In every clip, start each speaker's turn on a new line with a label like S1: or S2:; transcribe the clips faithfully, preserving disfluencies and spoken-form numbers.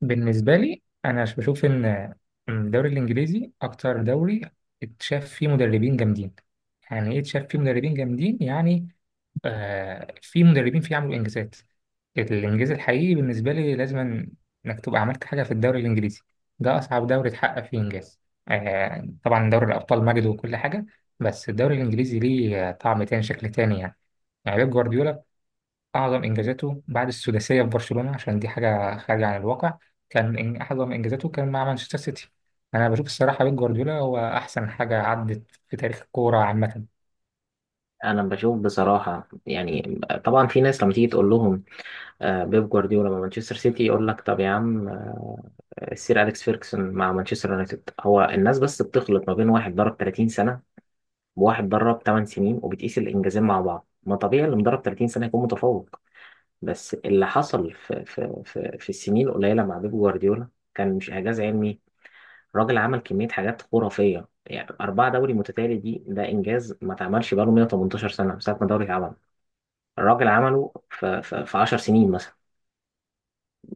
S1: بالنسبة لي أنا ش- بشوف إن الدوري الإنجليزي أكتر دوري اتشاف فيه مدربين جامدين. يعني إيه اتشاف فيه مدربين جامدين؟ يعني آه في مدربين فيه عملوا إنجازات. الإنجاز الحقيقي بالنسبة لي لازم إنك تبقى عملت حاجة في الدوري الإنجليزي، ده أصعب دوري اتحقق فيه إنجاز. آه طبعا دوري الأبطال مجد وكل حاجة، بس الدوري الإنجليزي ليه طعم تاني شكل تاني. يعني يعني بيب جوارديولا أعظم إنجازاته بعد السداسية في برشلونة، عشان دي حاجة خارجة عن الواقع، كان إن- أعظم إنجازاته كان مع مانشستر سيتي. أنا بشوف الصراحة بيب جوارديولا هو أحسن حاجة عدت في تاريخ الكورة عامة.
S2: انا بشوف بصراحه يعني طبعا في ناس لما تيجي تقول لهم آه، بيب جوارديولا مع مانشستر سيتي، يقول لك طب يا عم. آه، السير اليكس فيركسون مع مانشستر يونايتد، هو الناس بس بتخلط ما بين واحد درب ثلاثين سنه وواحد درب تمن سنين وبتقيس الانجازين مع بعض. ما طبيعي اللي مدرب ثلاثين سنه يكون متفوق، بس اللي حصل في في في, في السنين القليله مع بيب جوارديولا كان مش اعجاز علمي. الراجل عمل كميه حاجات خرافيه، يعني أربعة دوري متتالي، دي ده إنجاز ما اتعملش بقاله مية وتمنتاشر سنة من ساعة ما الدوري اتعمل. الراجل عمله في, في, في عشر سنين مثلا.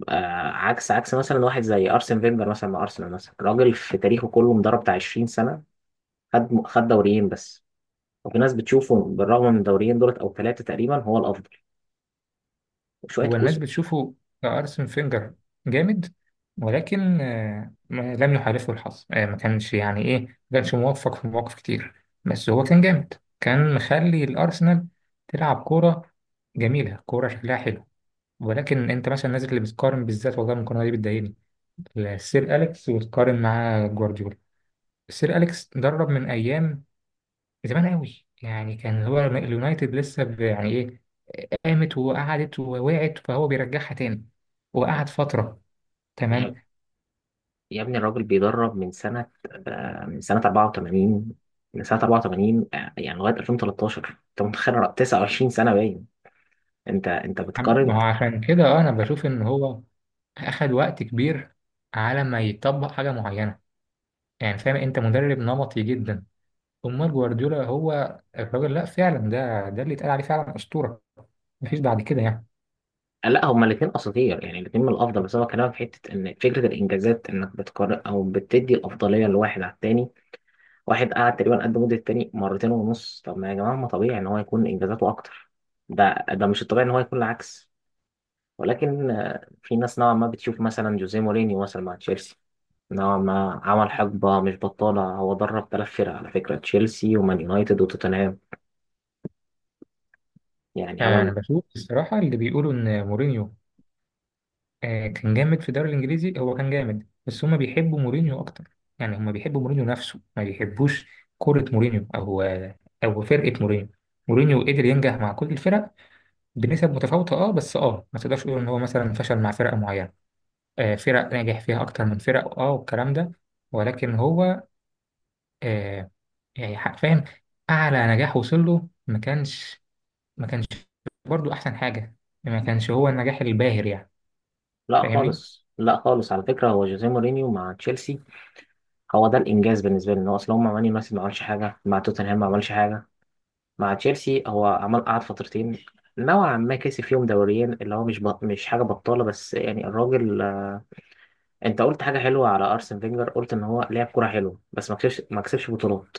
S2: آه عكس عكس مثلا واحد زي ارسن فينجر مثلا مع ارسنال، مثلا راجل في تاريخه كله مدرب بتاع عشرين سنه، خد خد دوريين بس. وفي ناس بتشوفه بالرغم من الدوريين دولت او ثلاثه تقريبا هو الافضل وشويه كوس.
S1: والناس بتشوفه أرسن فينجر جامد، ولكن آه، ما- لم يحالفه الحظ، آه، ما كانش يعني إيه، ما كانش موفق في مواقف كتير. بس هو كان جامد، كان مخلي الأرسنال تلعب كورة جميلة، كورة شكلها حلو. ولكن أنت مثلا الناس اللي بتقارن بالذات، والله المقارنة دي بتضايقني، لسير أليكس وتقارن معاه جوارديولا. سير أليكس درب من أيام زمان قوي، يعني كان هو اليونايتد لسه ب- يعني إيه، قامت وقعدت ووقعت فهو بيرجعها تاني وقعد فترة، تمام.
S2: يا, يا ابني الراجل بيدرب من سنه، آه من سنه أربعة وتمانين، من سنه أربعة وثمانين، آه يعني لغايه ألفين وتلتاشر. انت متخيل تسعة وعشرين سنه باين؟ انت انت
S1: عم- ما
S2: بتقارن.
S1: هو عشان كده آه، أنا بشوف إن هو أخد وقت كبير على ما يطبق حاجة معينة، يعني فاهم، أنت مدرب نمطي جدا. أمال جوارديولا هو الراجل، لأ فعلا ده ده اللي اتقال عليه فعلا أسطورة، مفيش بعد كده يعني.
S2: لا، هما الاثنين اساطير، يعني الاثنين من الافضل. بس هو كلامك في حته ان فكره الانجازات انك بتقارن او بتدي الافضليه لواحد على التاني، واحد قعد تقريبا قد مده التاني مرتين ونص. طب ما يا جماعه، ما طبيعي ان هو يكون انجازاته اكتر، ده ده مش الطبيعي ان هو يكون العكس. ولكن آه، في ناس نوعا ما بتشوف مثلا جوزيه مورينيو مثلا مع تشيلسي، نوعا ما عمل حقبه مش بطاله. هو درب ثلاث فرق على فكره، تشيلسي ومان يونايتد وتوتنهام، يعني
S1: آه، أنا
S2: عمل.
S1: بشوف الصراحة اللي بيقولوا إن مورينيو آه، كان جامد في الدوري الانجليزي، هو كان جامد بس هما بيحبوا مورينيو اكتر، يعني هما بيحبوا مورينيو نفسه، ما بيحبوش كرة مورينيو او او فرقة مورينيو. مورينيو قدر ينجح مع كل الفرق بنسب متفاوتة، اه بس اه ما تقدرش تقول ان هو مثلا فشل مع فرقة معينة. آه فرق ناجح فيها اكتر من فرق اه، والكلام ده. ولكن هو آه يعني حرفيا اعلى نجاح وصل له ما كانش ما كانش برضه احسن حاجة، ما كانش هو النجاح الباهر يعني.
S2: لا
S1: فاهمني؟
S2: خالص لا خالص، على فكره هو جوزيه مورينيو مع تشيلسي هو ده الانجاز بالنسبه لي. ان هو اصل هو مع مان يونايتد ما عملش حاجه، مع توتنهام ما عملش حاجه، مع تشيلسي هو عمل قعد فترتين نوعا ما كسب فيهم دوريين، اللي هو مش بط... مش حاجه بطاله. بس يعني الراجل، آه، انت قلت حاجه حلوه على ارسن فينجر، قلت ان هو لعب كوره حلوه بس ما كسبش ما كسبش بطولات.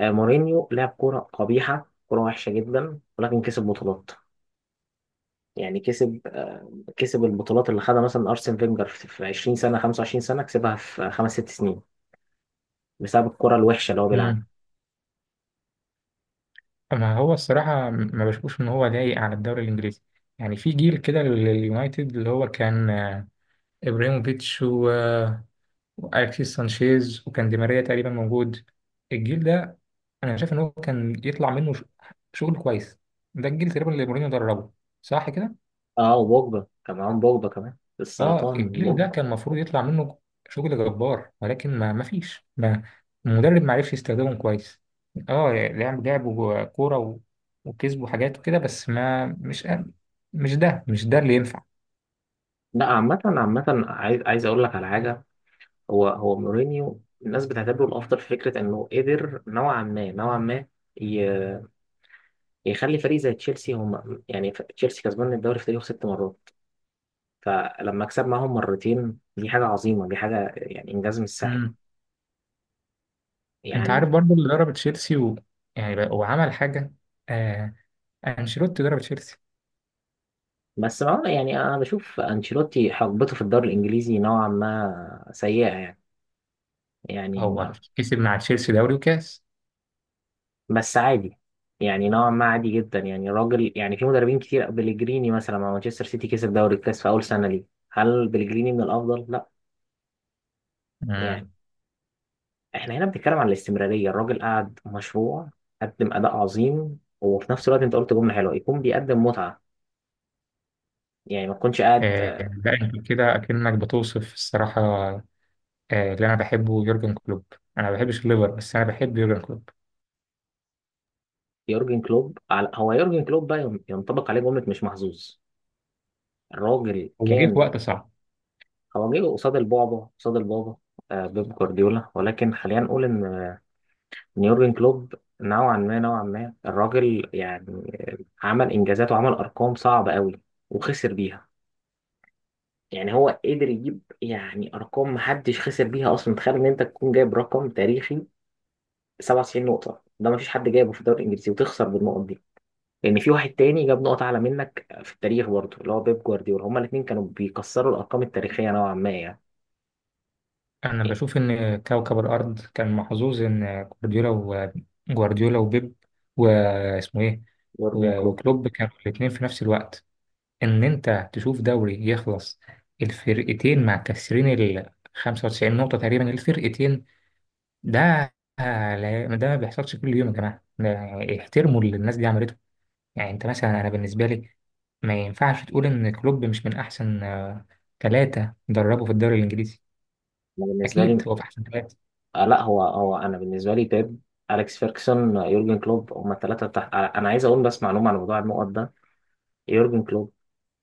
S2: آه، مورينيو لعب كوره قبيحه كوره وحشه جدا، ولكن كسب بطولات. يعني كسب، آه، كسب البطولات اللي خدها مثلا ارسن فينجر في في عشرين سنه خمسة وعشرين سنه كسبها في خمس ست سنين، بسبب الكوره الوحشه اللي هو بيلعبها.
S1: ما هو الصراحة ما بشوفش إن هو لايق على الدوري الإنجليزي. يعني في جيل كده لليونايتد اللي هو كان آه، إبراهيموفيتش و- آه، وأليكسيس سانشيز وكان دي ماريا تقريبا موجود، الجيل ده أنا شايف إن هو كان يطلع منه ش- شغل كويس. ده الجيل تقريبا اللي مورينيو دربه، صح كده؟
S2: اه، وبوجبا كان معاهم، بوجبا كمان
S1: اه
S2: السرطان
S1: الجيل ده
S2: بوجبا.
S1: كان المفروض يطلع منه شغل جبار، ولكن ما ما فيش ما المدرب ما عرفش يستخدمهم كويس. اه لعب لعبوا كورة و... وكسبوا حاجات وكده، بس ما مش مش ده مش ده اللي ينفع.
S2: لا عامة عامة، عايز عايز اقول لك على حاجة. هو هو مورينيو الناس بتعتبره الافضل في فكرة انه قدر نوعا ما نوعا ما ي- يخلي فريق زي تشيلسي هم. يعني ف- تشيلسي كسبان الدوري في تاريخه ست مرات، فلما كسب معاهم مرتين دي حاجة عظيمة، دي حاجة يعني انجاز مش سهل
S1: امم، انت عارف
S2: يعني.
S1: برضو اللي ضرب تشيلسي، و... يعني بقى- وعمل حاجة، آه انشيلوتي ضرب تشيلسي،
S2: بس ما يعني، انا بشوف انشيلوتي حقبته في الدوري الانجليزي نوعا ما سيئة يعني، يعني
S1: هو كسب مع تشيلسي دوري وكاس.
S2: بس عادي، يعني نوعا ما عادي جدا يعني راجل. يعني في مدربين كتير، بليجريني مثلا مع مانشستر سيتي كسب دوري الكاس في اول سنه ليه، هل بليجريني من الافضل؟ لا. يعني
S1: امم،
S2: احنا هنا بنتكلم عن الاستمراريه، الراجل قعد مشروع، قدم اداء عظيم، وفي نفس الوقت انت قلت جمله حلوه يكون بيقدم متعه، يعني ما تكونش قاعد.
S1: آه لا انت كده اكنك بتوصف الصراحة آه، اللي انا بحبه يورجن كلوب. انا ما بحبش الليفر بس انا بحب يورجن كلوب،
S2: يورجن كلوب، على هو يورجن كلوب بقى ين- ينطبق عليه جمله مش محظوظ. الراجل
S1: هو جه في
S2: كان،
S1: وقت صعب.
S2: هو جه قصاد البعبع قصاد البابا، آه، بيب جوارديولا. ولكن خلينا نقول ان يورجن كلوب نوعا ما نوعا ما الراجل، يعني عمل انجازات وعمل ارقام صعبه قوي وخسر بيها. يعني هو قدر يجيب يعني ارقام محدش خسر بيها اصلا. تخيل ان انت تكون جايب رقم تاريخي سبعة وتسعين نقطه، ده مفيش حد جايبه في الدوري الانجليزي، وتخسر بالنقط دي، لان في واحد تاني جاب نقط اعلى منك في التاريخ برضه، اللي هو بيب جوارديولا. هما الاثنين كانوا بيكسروا الارقام التاريخيه نوعا ما يعني.
S1: انا بشوف ان كوكب الارض كان محظوظ ان جوارديولا وجوارديولا وبيب واسمه ايه
S2: يورجن
S1: و-
S2: كلوب،
S1: وكلوب كانوا الاثنين في نفس الوقت، ان انت تشوف دوري يخلص الفرقتين مع ال خمسة وتسعين نقطة تقريبا الفرقتين، ده لا- ده ما بيحصلش كل يوم يا جماعة، ده احترموا اللي الناس دي عملته. يعني انت مثلا انا بالنسبه لي ما ينفعش تقول ان كلوب مش من احسن آه، ثلاثه دربوا في الدوري الانجليزي،
S2: أنا بالنسبه
S1: اكيد
S2: لي،
S1: هو في احسن ثلاثه.
S2: آه لا هو هو انا بالنسبه لي بيب، اليكس فيركسون، آه، يورجن كلوب، هم الثلاثه تحت. آه، انا عايز اقول بس معلومه عن موضوع النقط ده. يورجن كلوب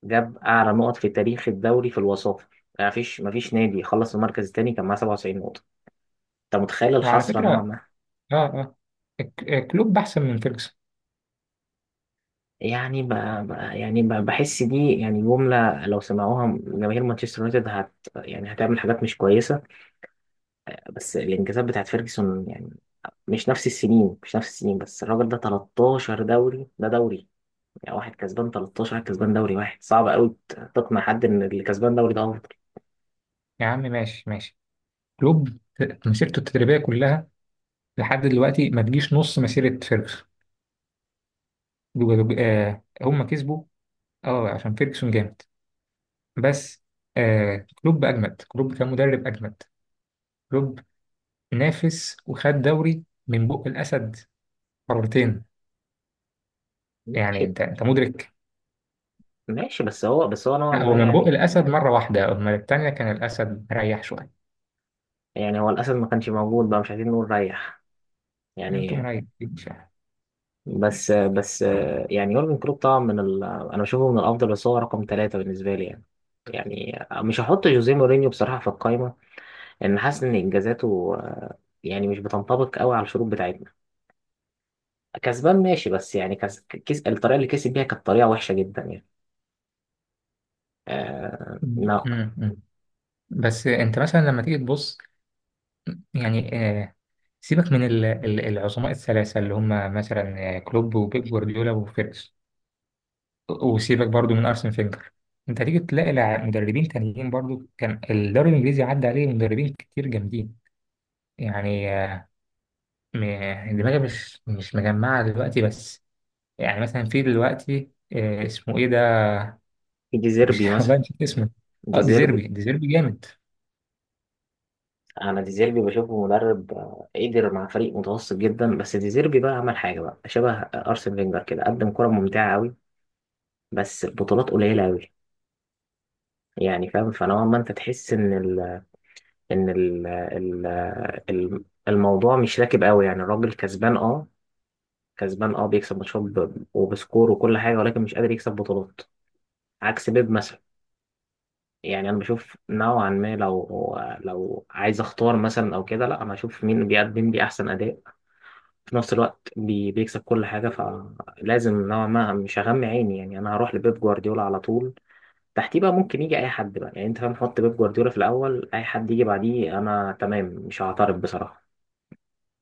S2: جاب اعلى نقط في تاريخ الدوري في الوصافه. ما فيش ما فيش نادي خلص المركز الثاني كان معاه سبعة وتسعين نقطه. انت متخيل
S1: وعلى
S2: الحسره
S1: فكره،
S2: نوعا ما،
S1: اه اه ك- آه، كلوب احسن من فيرجسون.
S2: يعني ب... ب... يعني ب... بحس دي يعني جمله لو سمعوها جماهير مانشستر يونايتد هت يعني هتعمل حاجات مش كويسه. بس الانجازات بتاعت فيرجسون، يعني مش نفس السنين مش نفس السنين. بس الراجل ده تلتاشر دوري، ده دوري، يعني واحد كسبان تلتاشر واحد كسبان دوري واحد، صعب قوي تقنع حد ان اللي كسبان دوري ده افضل.
S1: يا عم ماشي ماشي، كلوب مسيرته التدريبيه كلها لحد دلوقتي ما تجيش نص مسيره فيرجسون، جو- آه هم كسبوا، اه عشان فيرجسون جامد، بس آه كلوب اجمد، كلوب كان مدرب اجمد. كلوب نافس وخد دوري من بق الاسد مرتين،
S2: ماشي،
S1: يعني انت انت مدرك.
S2: ماشي. بس هو بس هو نوعا
S1: لا هو
S2: ما
S1: من بق
S2: يعني،
S1: الاسد مره واحده، اما التانيه كان الاسد مريح شويه،
S2: يعني هو الاسد ما كانش موجود بقى، مش عايزين نقول ريح
S1: يعني انتوا
S2: يعني.
S1: مريحين شويه.
S2: بس بس يعني، يورجن كلوب طبعا من ال... انا بشوفه من الافضل بس هو رقم ثلاثة بالنسبة لي يعني. يعني مش هحط جوزيه مورينيو بصراحة في القايمة، لأن حاسس إن إنجازاته آه، يعني مش بتنطبق قوي على الشروط بتاعتنا. كسبان ماشي، بس يعني كس... كس... الطريقة اللي كسب بيها كانت طريقة وحشة جدا يعني. آه...
S1: أمم،
S2: ما
S1: أمم. بس انت مثلا لما تيجي تبص، يعني آه، سيبك من ال- ال- العظماء الثلاثه اللي هم مثلا آه، كلوب وبيب جوارديولا وفيركس، وسيبك برضو من ارسن فينجر. انت هتيجي تلاقي لع- مدربين تانيين برضو، كان الدوري الانجليزي عدى عليه مدربين كتير جامدين. يعني آه، م- دماغي مش مش مجمعه دلوقتي، بس يعني مثلا في دلوقتي آه، اسمه ايه ده،
S2: في
S1: مش
S2: ديزيربي مثلا.
S1: والله نسيت اسمه. اه
S2: ديزيربي،
S1: ديزيربي ديزيربي جامد
S2: انا ديزيربي بشوفه مدرب، آه، قدر مع فريق متوسط جدا. بس ديزيربي بقى عمل حاجه بقى شبه ارسن فينجر كده، قدم كره ممتعه قوي بس بطولات قليله قوي، يعني فاهم؟ فنوعا ما انت تحس ان ال ان ال ال ال- الموضوع مش راكب قوي. يعني الراجل كسبان، اه كسبان، اه بيكسب ماتشات ب- وبسكور وكل حاجه، ولكن مش قادر يكسب بطولات عكس بيب مثلا. يعني انا بشوف نوعا ما، لو لو عايز اختار مثلا او كده، لا انا اشوف مين بيقدم لي احسن اداء في نفس الوقت بي بيكسب كل حاجه. فلازم نوعا ما مش هغمي عيني يعني، انا هروح لبيب جوارديولا على طول. تحتيه بقى ممكن يجي اي حد بقى، يعني انت فاهم، حط بيب جوارديولا في الاول، اي حد يجي بعديه انا تمام مش هعترض بصراحه.